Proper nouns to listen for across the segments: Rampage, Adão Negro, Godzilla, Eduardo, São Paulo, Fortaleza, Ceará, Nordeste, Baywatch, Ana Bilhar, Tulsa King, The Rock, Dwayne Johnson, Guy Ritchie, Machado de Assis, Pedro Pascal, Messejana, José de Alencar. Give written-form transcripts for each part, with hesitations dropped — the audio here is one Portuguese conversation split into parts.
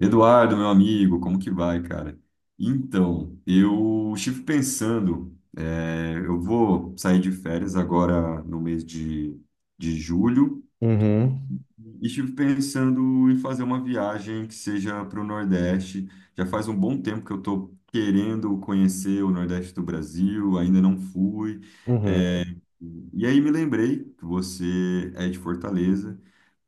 Eduardo, meu amigo, como que vai, cara? Eu estive pensando, eu vou sair de férias agora no mês de julho, Uhum, e estive pensando em fazer uma viagem que seja para o Nordeste. Já faz um bom tempo que eu estou querendo conhecer o Nordeste do Brasil, ainda não fui. uhum, E aí me lembrei que você é de Fortaleza,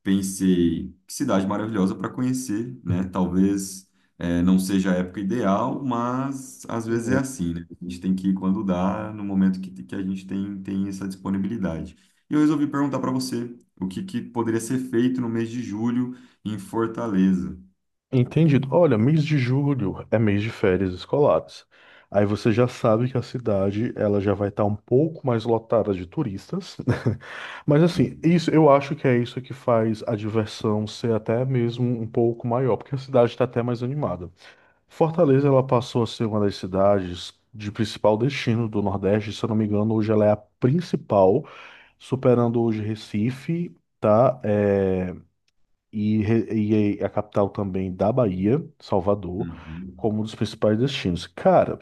pensei, que cidade maravilhosa para conhecer, né? Talvez não seja a época ideal, mas às vezes é uhum. assim, né? A gente tem que ir quando dá, no momento que a gente tem, tem essa disponibilidade. E eu resolvi perguntar para você o que poderia ser feito no mês de julho em Fortaleza. Entendido. Olha, mês de julho é mês de férias escolares. Aí você já sabe que a cidade ela já vai estar um pouco mais lotada de turistas. Mas assim, isso eu acho que é isso que faz a diversão ser até mesmo um pouco maior, porque a cidade está até mais animada. Fortaleza ela passou a ser uma das cidades de principal destino do Nordeste, se eu não me engano, hoje ela é a principal, superando hoje Recife, tá? E a capital também da Bahia, Salvador, Uhum. como um dos principais destinos. Cara,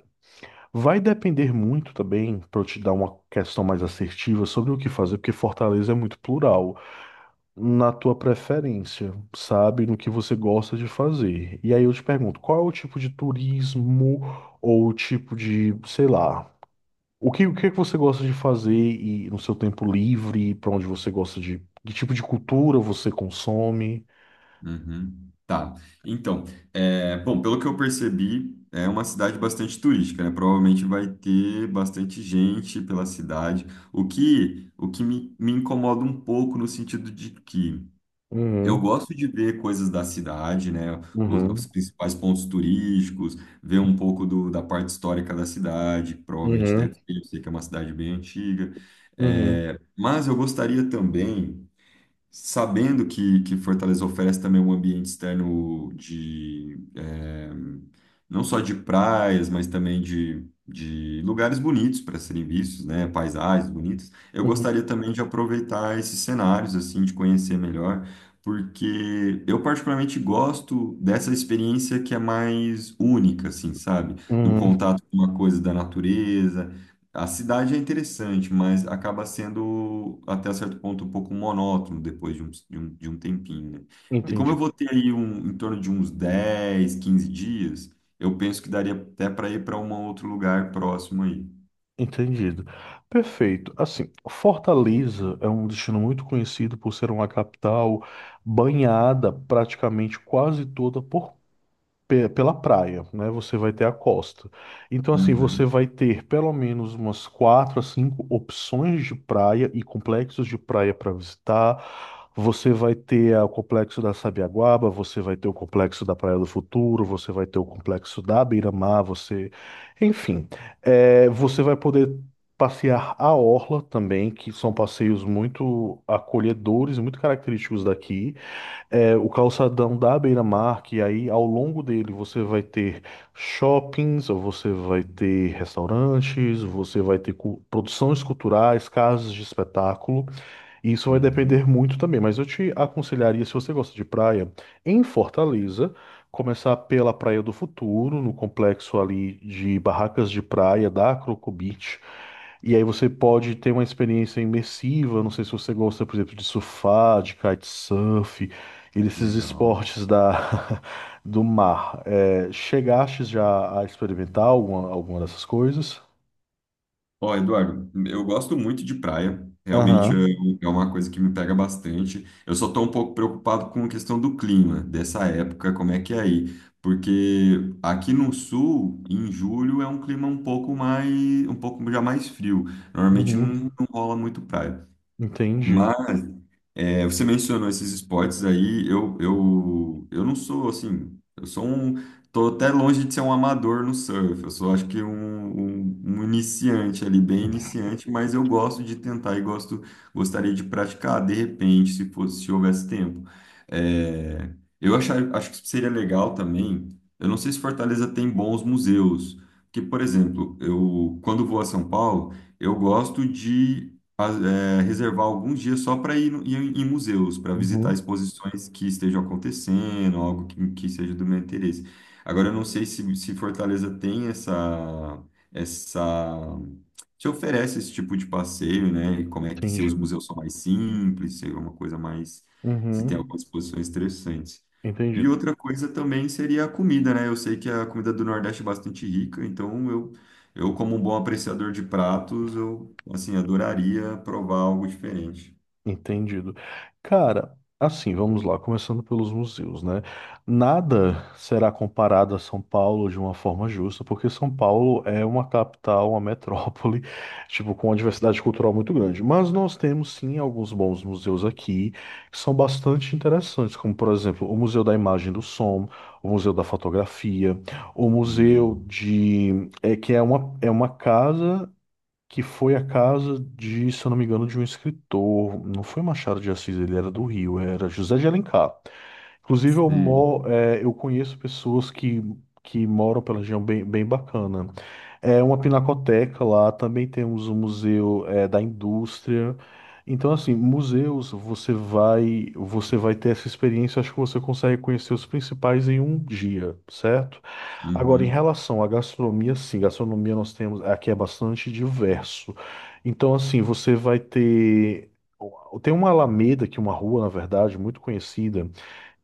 vai depender muito também, para eu te dar uma questão mais assertiva sobre o que fazer, porque Fortaleza é muito plural, na tua preferência, sabe, no que você gosta de fazer. E aí eu te pergunto, qual é o tipo de turismo ou o tipo de, sei lá, o que é que você gosta de fazer e no seu tempo livre, para onde você gosta de, que tipo de cultura você consome? Uhum. Tá. Então, bom, pelo que eu percebi, é uma cidade bastante turística, né? Provavelmente vai ter bastante gente pela cidade, o que me incomoda um pouco no sentido de que eu Uhum. gosto de ver coisas da cidade, né? Os Uhum, principais pontos turísticos, ver um pouco da parte histórica da cidade, que provavelmente uhum, deve ter, eu sei que é uma cidade bem antiga. uhum, É, mas eu gostaria também, sabendo que Fortaleza oferece também um ambiente externo de não só de praias, mas também de lugares bonitos para serem vistos, né? Paisagens bonitas. Eu uhum, gostaria também de aproveitar esses cenários, assim, de conhecer melhor, porque eu particularmente gosto dessa experiência que é mais única, assim, sabe? Do uhum. contato com uma coisa da natureza, a cidade é interessante, mas acaba sendo até certo ponto um pouco monótono depois de um tempinho, né? E como eu Entendido. vou ter aí um, em torno de uns 10, 15 dias, eu penso que daria até para ir para um outro lugar próximo aí. Entendido. Perfeito. Assim, Fortaleza é um destino muito conhecido por ser uma capital banhada praticamente quase toda por pela praia, né? Você vai ter a costa. Então, assim, você Uhum, vai ter pelo menos umas quatro a cinco opções de praia e complexos de praia para visitar. Você vai ter o complexo da Sabiaguaba, você vai ter o complexo da Praia do Futuro, você vai ter o complexo da Beira-Mar, você, enfim, você vai poder passear a orla também, que são passeios muito acolhedores, muito característicos daqui. É, o calçadão da beira-mar, que aí ao longo dele você vai ter shoppings, ou você vai ter restaurantes, você vai ter produções culturais, casas de espetáculo. Isso vai uhum, depender muito também, mas eu te aconselharia, se você gosta de praia, em Fortaleza, começar pela Praia do Futuro, no complexo ali de barracas de praia da Croco Beach. E aí você pode ter uma experiência imersiva, não sei se você gosta, por exemplo, de surfar, de kitesurf, e desses legal. esportes da, do mar. É, chegaste já a experimentar alguma dessas coisas? Ó, Eduardo, eu gosto muito de praia. Realmente eu- Aham. é uma coisa que me pega bastante. Eu só estou um pouco preocupado com a questão do clima dessa época, como é que é aí? Porque aqui no sul, em julho, é um clima um pouco mais, um pouco já mais frio. Normalmente Uhum. Não rola muito praia. Entendido. Mas é, você mencionou esses esportes aí, eu não sou assim, eu sou um, tô até longe de ser um amador no surf, eu sou acho que um iniciante ali, bem iniciante, mas eu gosto de tentar e gosto, gostaria de praticar de repente, se fosse, se houvesse tempo. É, eu achar, acho que seria legal também, eu não sei se Fortaleza tem bons museus, porque, por exemplo, eu quando vou a São Paulo, eu gosto de reservar alguns dias só para ir, no- ir em museus, para visitar Uhum, exposições que estejam acontecendo, algo que seja do meu interesse. Agora, eu não sei se Fortaleza tem essa, essa. Se oferece esse tipo de passeio, né? E como é que se os entendido. museus são mais simples, se é uma coisa mais. Se tem Uhum, algumas exposições interessantes. E entendido, outra coisa também seria a comida, né? Eu sei que a comida do Nordeste é bastante rica, então eu, como um bom apreciador de pratos, eu, assim, adoraria provar algo diferente. entendido. Cara, assim, vamos lá, começando pelos museus, né? Nada será comparado a São Paulo de uma forma justa, porque São Paulo é uma capital, uma metrópole, tipo, com uma diversidade cultural muito grande. Mas nós temos sim alguns bons museus aqui que são bastante interessantes, como por exemplo, o Museu da Imagem e do Som, o Museu da Fotografia, o Museu Hum, de é que é uma casa que foi a casa de, se eu não me engano, de um escritor. Não foi Machado de Assis, ele era do Rio, era José de Alencar. Inclusive, sim. Eu conheço pessoas que moram pela região bem, bem bacana. É uma pinacoteca lá, também temos o Museu da Indústria. Então, assim, museus, você vai ter essa experiência, acho que você consegue conhecer os principais em um dia, certo? Agora, em Uhum, relação à gastronomia, sim, gastronomia nós temos, aqui é bastante diverso. Então, assim, tem uma alameda, que é uma rua, na verdade, muito conhecida,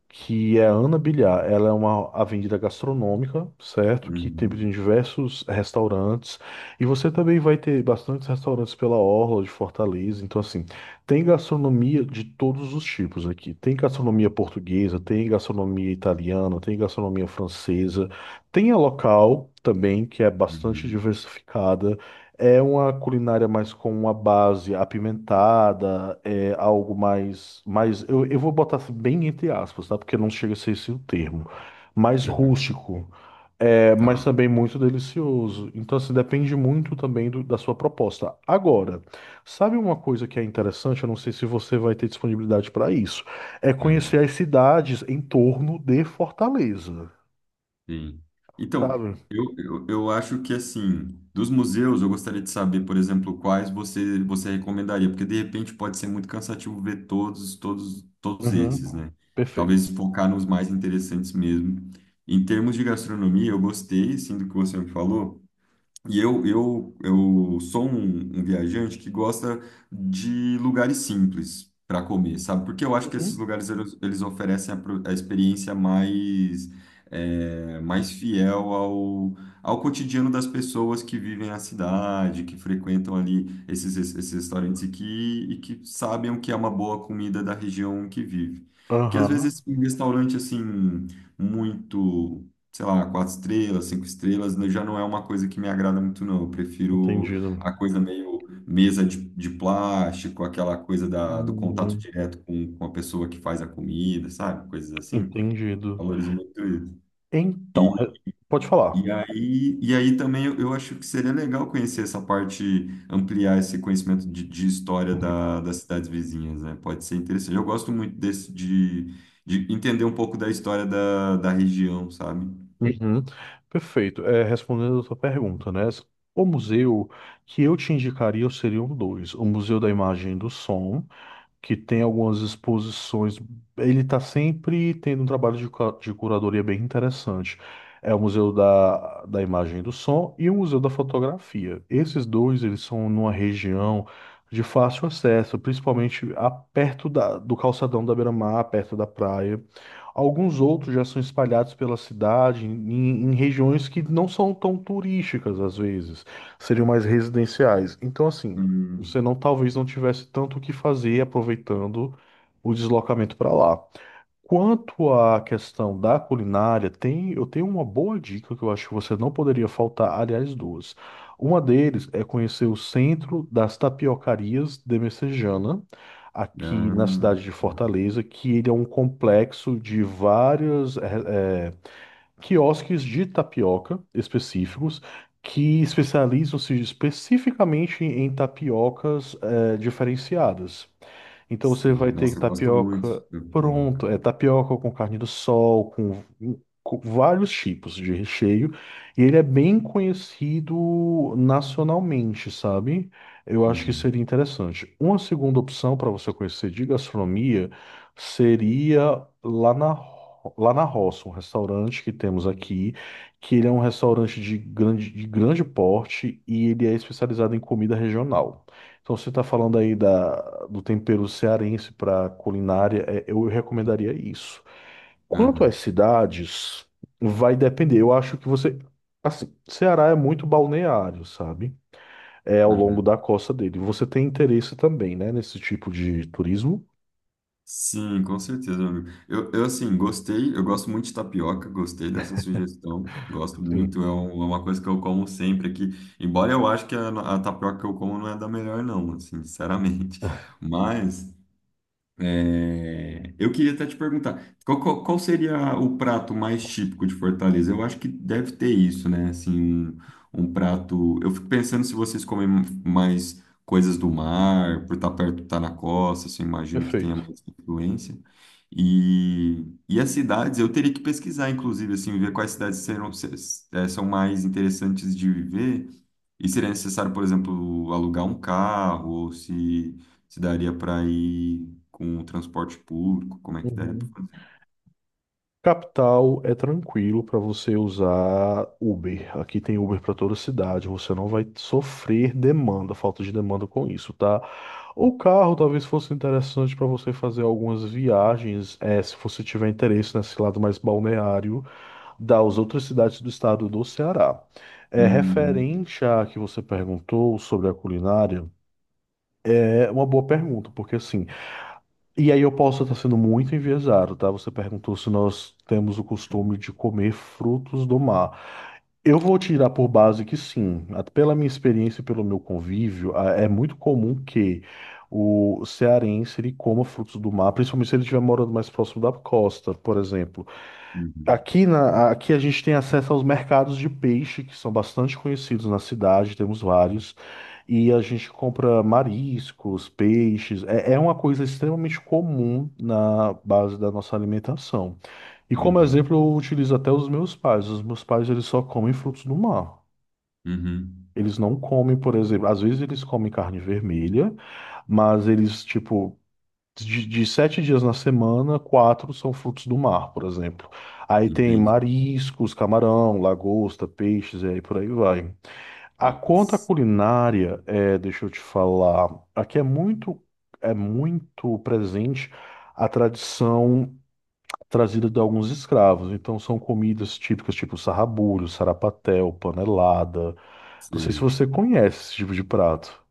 que é a Ana Bilhar. Ela é uma avenida gastronômica, certo? Que tem uhum, diversos restaurantes. E você também vai ter bastantes restaurantes pela orla de Fortaleza. Então, assim, tem gastronomia de todos os tipos aqui. Tem gastronomia portuguesa, tem gastronomia italiana, tem gastronomia francesa. Tem a local também, que é bastante uhum, diversificada. É uma culinária mais com uma base apimentada, é algo eu vou botar assim, bem entre aspas, tá? Porque não chega a ser esse o termo. Mais uhum, rústico, é, mas tá. também muito delicioso. Então, assim, depende muito também da sua proposta. Agora, sabe uma coisa que é interessante? Eu não sei se você vai ter disponibilidade para isso. É Uhum, conhecer as cidades em torno de Fortaleza, sim. Então, sabe? Eu acho que, assim, dos museus, eu gostaria de saber, por exemplo, quais você recomendaria, porque, de repente, pode ser muito cansativo ver todos esses, Uhum. né? Perfeito. Talvez focar nos mais interessantes mesmo. Em termos de gastronomia, eu gostei, sim, do que você me falou. E eu sou um viajante que gosta de lugares simples para comer, sabe? Porque eu acho que esses Uhum. lugares eles oferecem a, pro- a experiência mais, é, mais fiel ao, ao cotidiano das pessoas que vivem a cidade, que frequentam ali esses restaurantes e que sabem o que é uma boa comida da região que vive. Porque às Aham, vezes um restaurante assim muito, sei lá, quatro estrelas, cinco estrelas, né, já não é uma coisa que me agrada muito, não. Eu prefiro entendido. a coisa meio mesa de plástico, aquela coisa da, do contato Uhum, direto com a pessoa que faz a comida, sabe? Coisas assim. entendido. Valorizo muito isso. Então, E, pode falar. E aí também eu acho que seria legal conhecer essa parte, ampliar esse conhecimento de história da, das cidades vizinhas, né? Pode ser interessante. Eu gosto muito de entender um pouco da história da região, sabe? Uhum. Perfeito. É, respondendo a sua pergunta, né? O museu que eu te indicaria seriam dois: o Museu da Imagem e do Som, que tem algumas exposições. Ele está sempre tendo um trabalho de, de curadoria bem interessante. É o Museu da Imagem e do Som e o Museu da Fotografia. Esses dois, eles são numa região de fácil acesso, principalmente perto da, do calçadão da Beira-Mar, perto da praia. Alguns outros já são espalhados pela cidade, em regiões que não são tão turísticas, às vezes, seriam mais residenciais. Então, assim, você Hum. não talvez não tivesse tanto o que fazer aproveitando o deslocamento para lá. Quanto à questão da culinária, tem, eu tenho uma boa dica que eu acho que você não poderia faltar, aliás, duas. Uma deles é conhecer o Centro das Tapiocarias de Messejana, aqui Ah, na cidade de uhum. Fortaleza, que ele é um complexo de várias quiosques de tapioca específicos que especializam-se especificamente em tapiocas diferenciadas. Então você Sim. vai ter Nossa, eu gosto muito tapioca de tapioca. pronto, é tapioca com carne do sol, com vários tipos de recheio, e ele é bem conhecido nacionalmente, sabe? Eu acho que Uhum, seria interessante. Uma segunda opção para você conhecer de gastronomia seria Lá na Roça, um restaurante que temos aqui, que ele é um restaurante de grande porte e ele é especializado em comida regional. Então, você está falando aí da, do tempero cearense para culinária, é, eu recomendaria isso. Quanto às aham, cidades, vai depender. Eu acho que você. Assim, Ceará é muito balneário, sabe? É ao longo aham. da costa dele. Você tem interesse também, né, nesse tipo de turismo? Sim, com certeza, meu amigo. Assim, gostei, eu gosto muito de tapioca, gostei dessa sugestão, gosto Sim, muito, é, um- é uma coisa que eu como sempre aqui, embora eu acho que a tapioca que eu como não é da melhor não, assim, sinceramente, mas é, eu queria até te perguntar, qual seria o prato mais típico de Fortaleza? Eu acho que deve ter isso, né? Assim, um prato. Eu fico pensando se vocês comem mais coisas do mar, por estar perto, estar na costa, assim, imagino que tenha perfeito. mais influência. E as cidades, eu teria que pesquisar, inclusive, assim, ver quais cidades serão, se- são mais interessantes de viver. E seria necessário, por exemplo, alugar um carro, ou se daria para ir com o transporte público, como é que daria para Uhum. fazer? Capital é tranquilo para você usar Uber. Aqui tem Uber para toda cidade. Você não vai sofrer demanda, falta de demanda com isso, tá? O carro talvez fosse interessante para você fazer algumas viagens, se você tiver interesse nesse lado mais balneário das outras cidades do estado do Ceará. É Uhum, referente a que você perguntou sobre a culinária. É uma boa pergunta, porque assim. E aí eu posso estar sendo muito enviesado, tá? Você perguntou se nós temos o costume de comer frutos do mar. Eu vou tirar por base que sim. Pela minha experiência e pelo meu convívio, é muito comum que o cearense ele coma frutos do mar, principalmente se ele estiver morando mais próximo da costa, por exemplo. uhum, Aqui a gente tem acesso aos mercados de peixe, que são bastante conhecidos na cidade, temos vários. E a gente compra mariscos, peixes. É, é uma coisa extremamente comum na base da nossa alimentação. E como uhum, exemplo, eu utilizo até os meus pais. Os meus pais, eles só comem frutos do mar. uhum. Eles não comem, por exemplo, às vezes eles comem carne vermelha, mas eles, tipo, de 7 dias na semana, 4 são frutos do mar, por exemplo. Aí tem Entendi. mariscos, camarão, lagosta, peixes, e aí por aí vai. A conta Nossa. culinária, é, deixa eu te falar, aqui é muito presente a tradição trazida de alguns escravos. Então são comidas típicas tipo sarrabulho, sarapatel, panelada. Não sei se Sim. você conhece esse tipo de prato.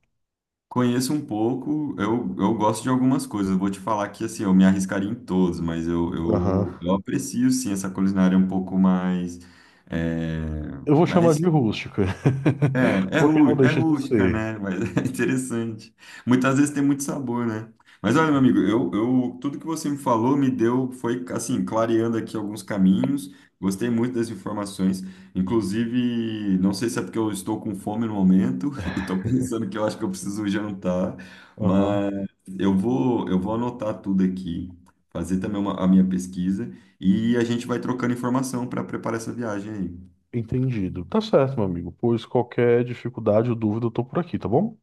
Conheço um pouco, eu gosto de algumas coisas. Eu vou te falar que assim, eu me arriscaria em todos, mas Aham. Eu aprecio sim essa culinária um pouco mais, é, Eu vou chamar de mais rústica, é, é, porque rú, não é deixa de rústica, ser. né? Mas é interessante. Muitas vezes tem muito sabor, né? Mas olha, meu amigo, tudo que você me falou me deu, foi assim, clareando aqui alguns caminhos. Gostei muito das informações. Inclusive, não sei se é porque eu estou com fome no momento e estou pensando que eu acho que eu preciso jantar, Aham, mas eu vou anotar tudo aqui, fazer também uma- a minha pesquisa e a gente vai trocando informação para preparar essa viagem aí. entendido. Tá certo, meu amigo. Pois qualquer dificuldade ou dúvida, eu tô por aqui, tá bom?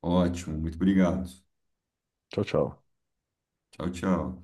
Ótimo, muito obrigado. Tchau, tchau. Tchau, tchau.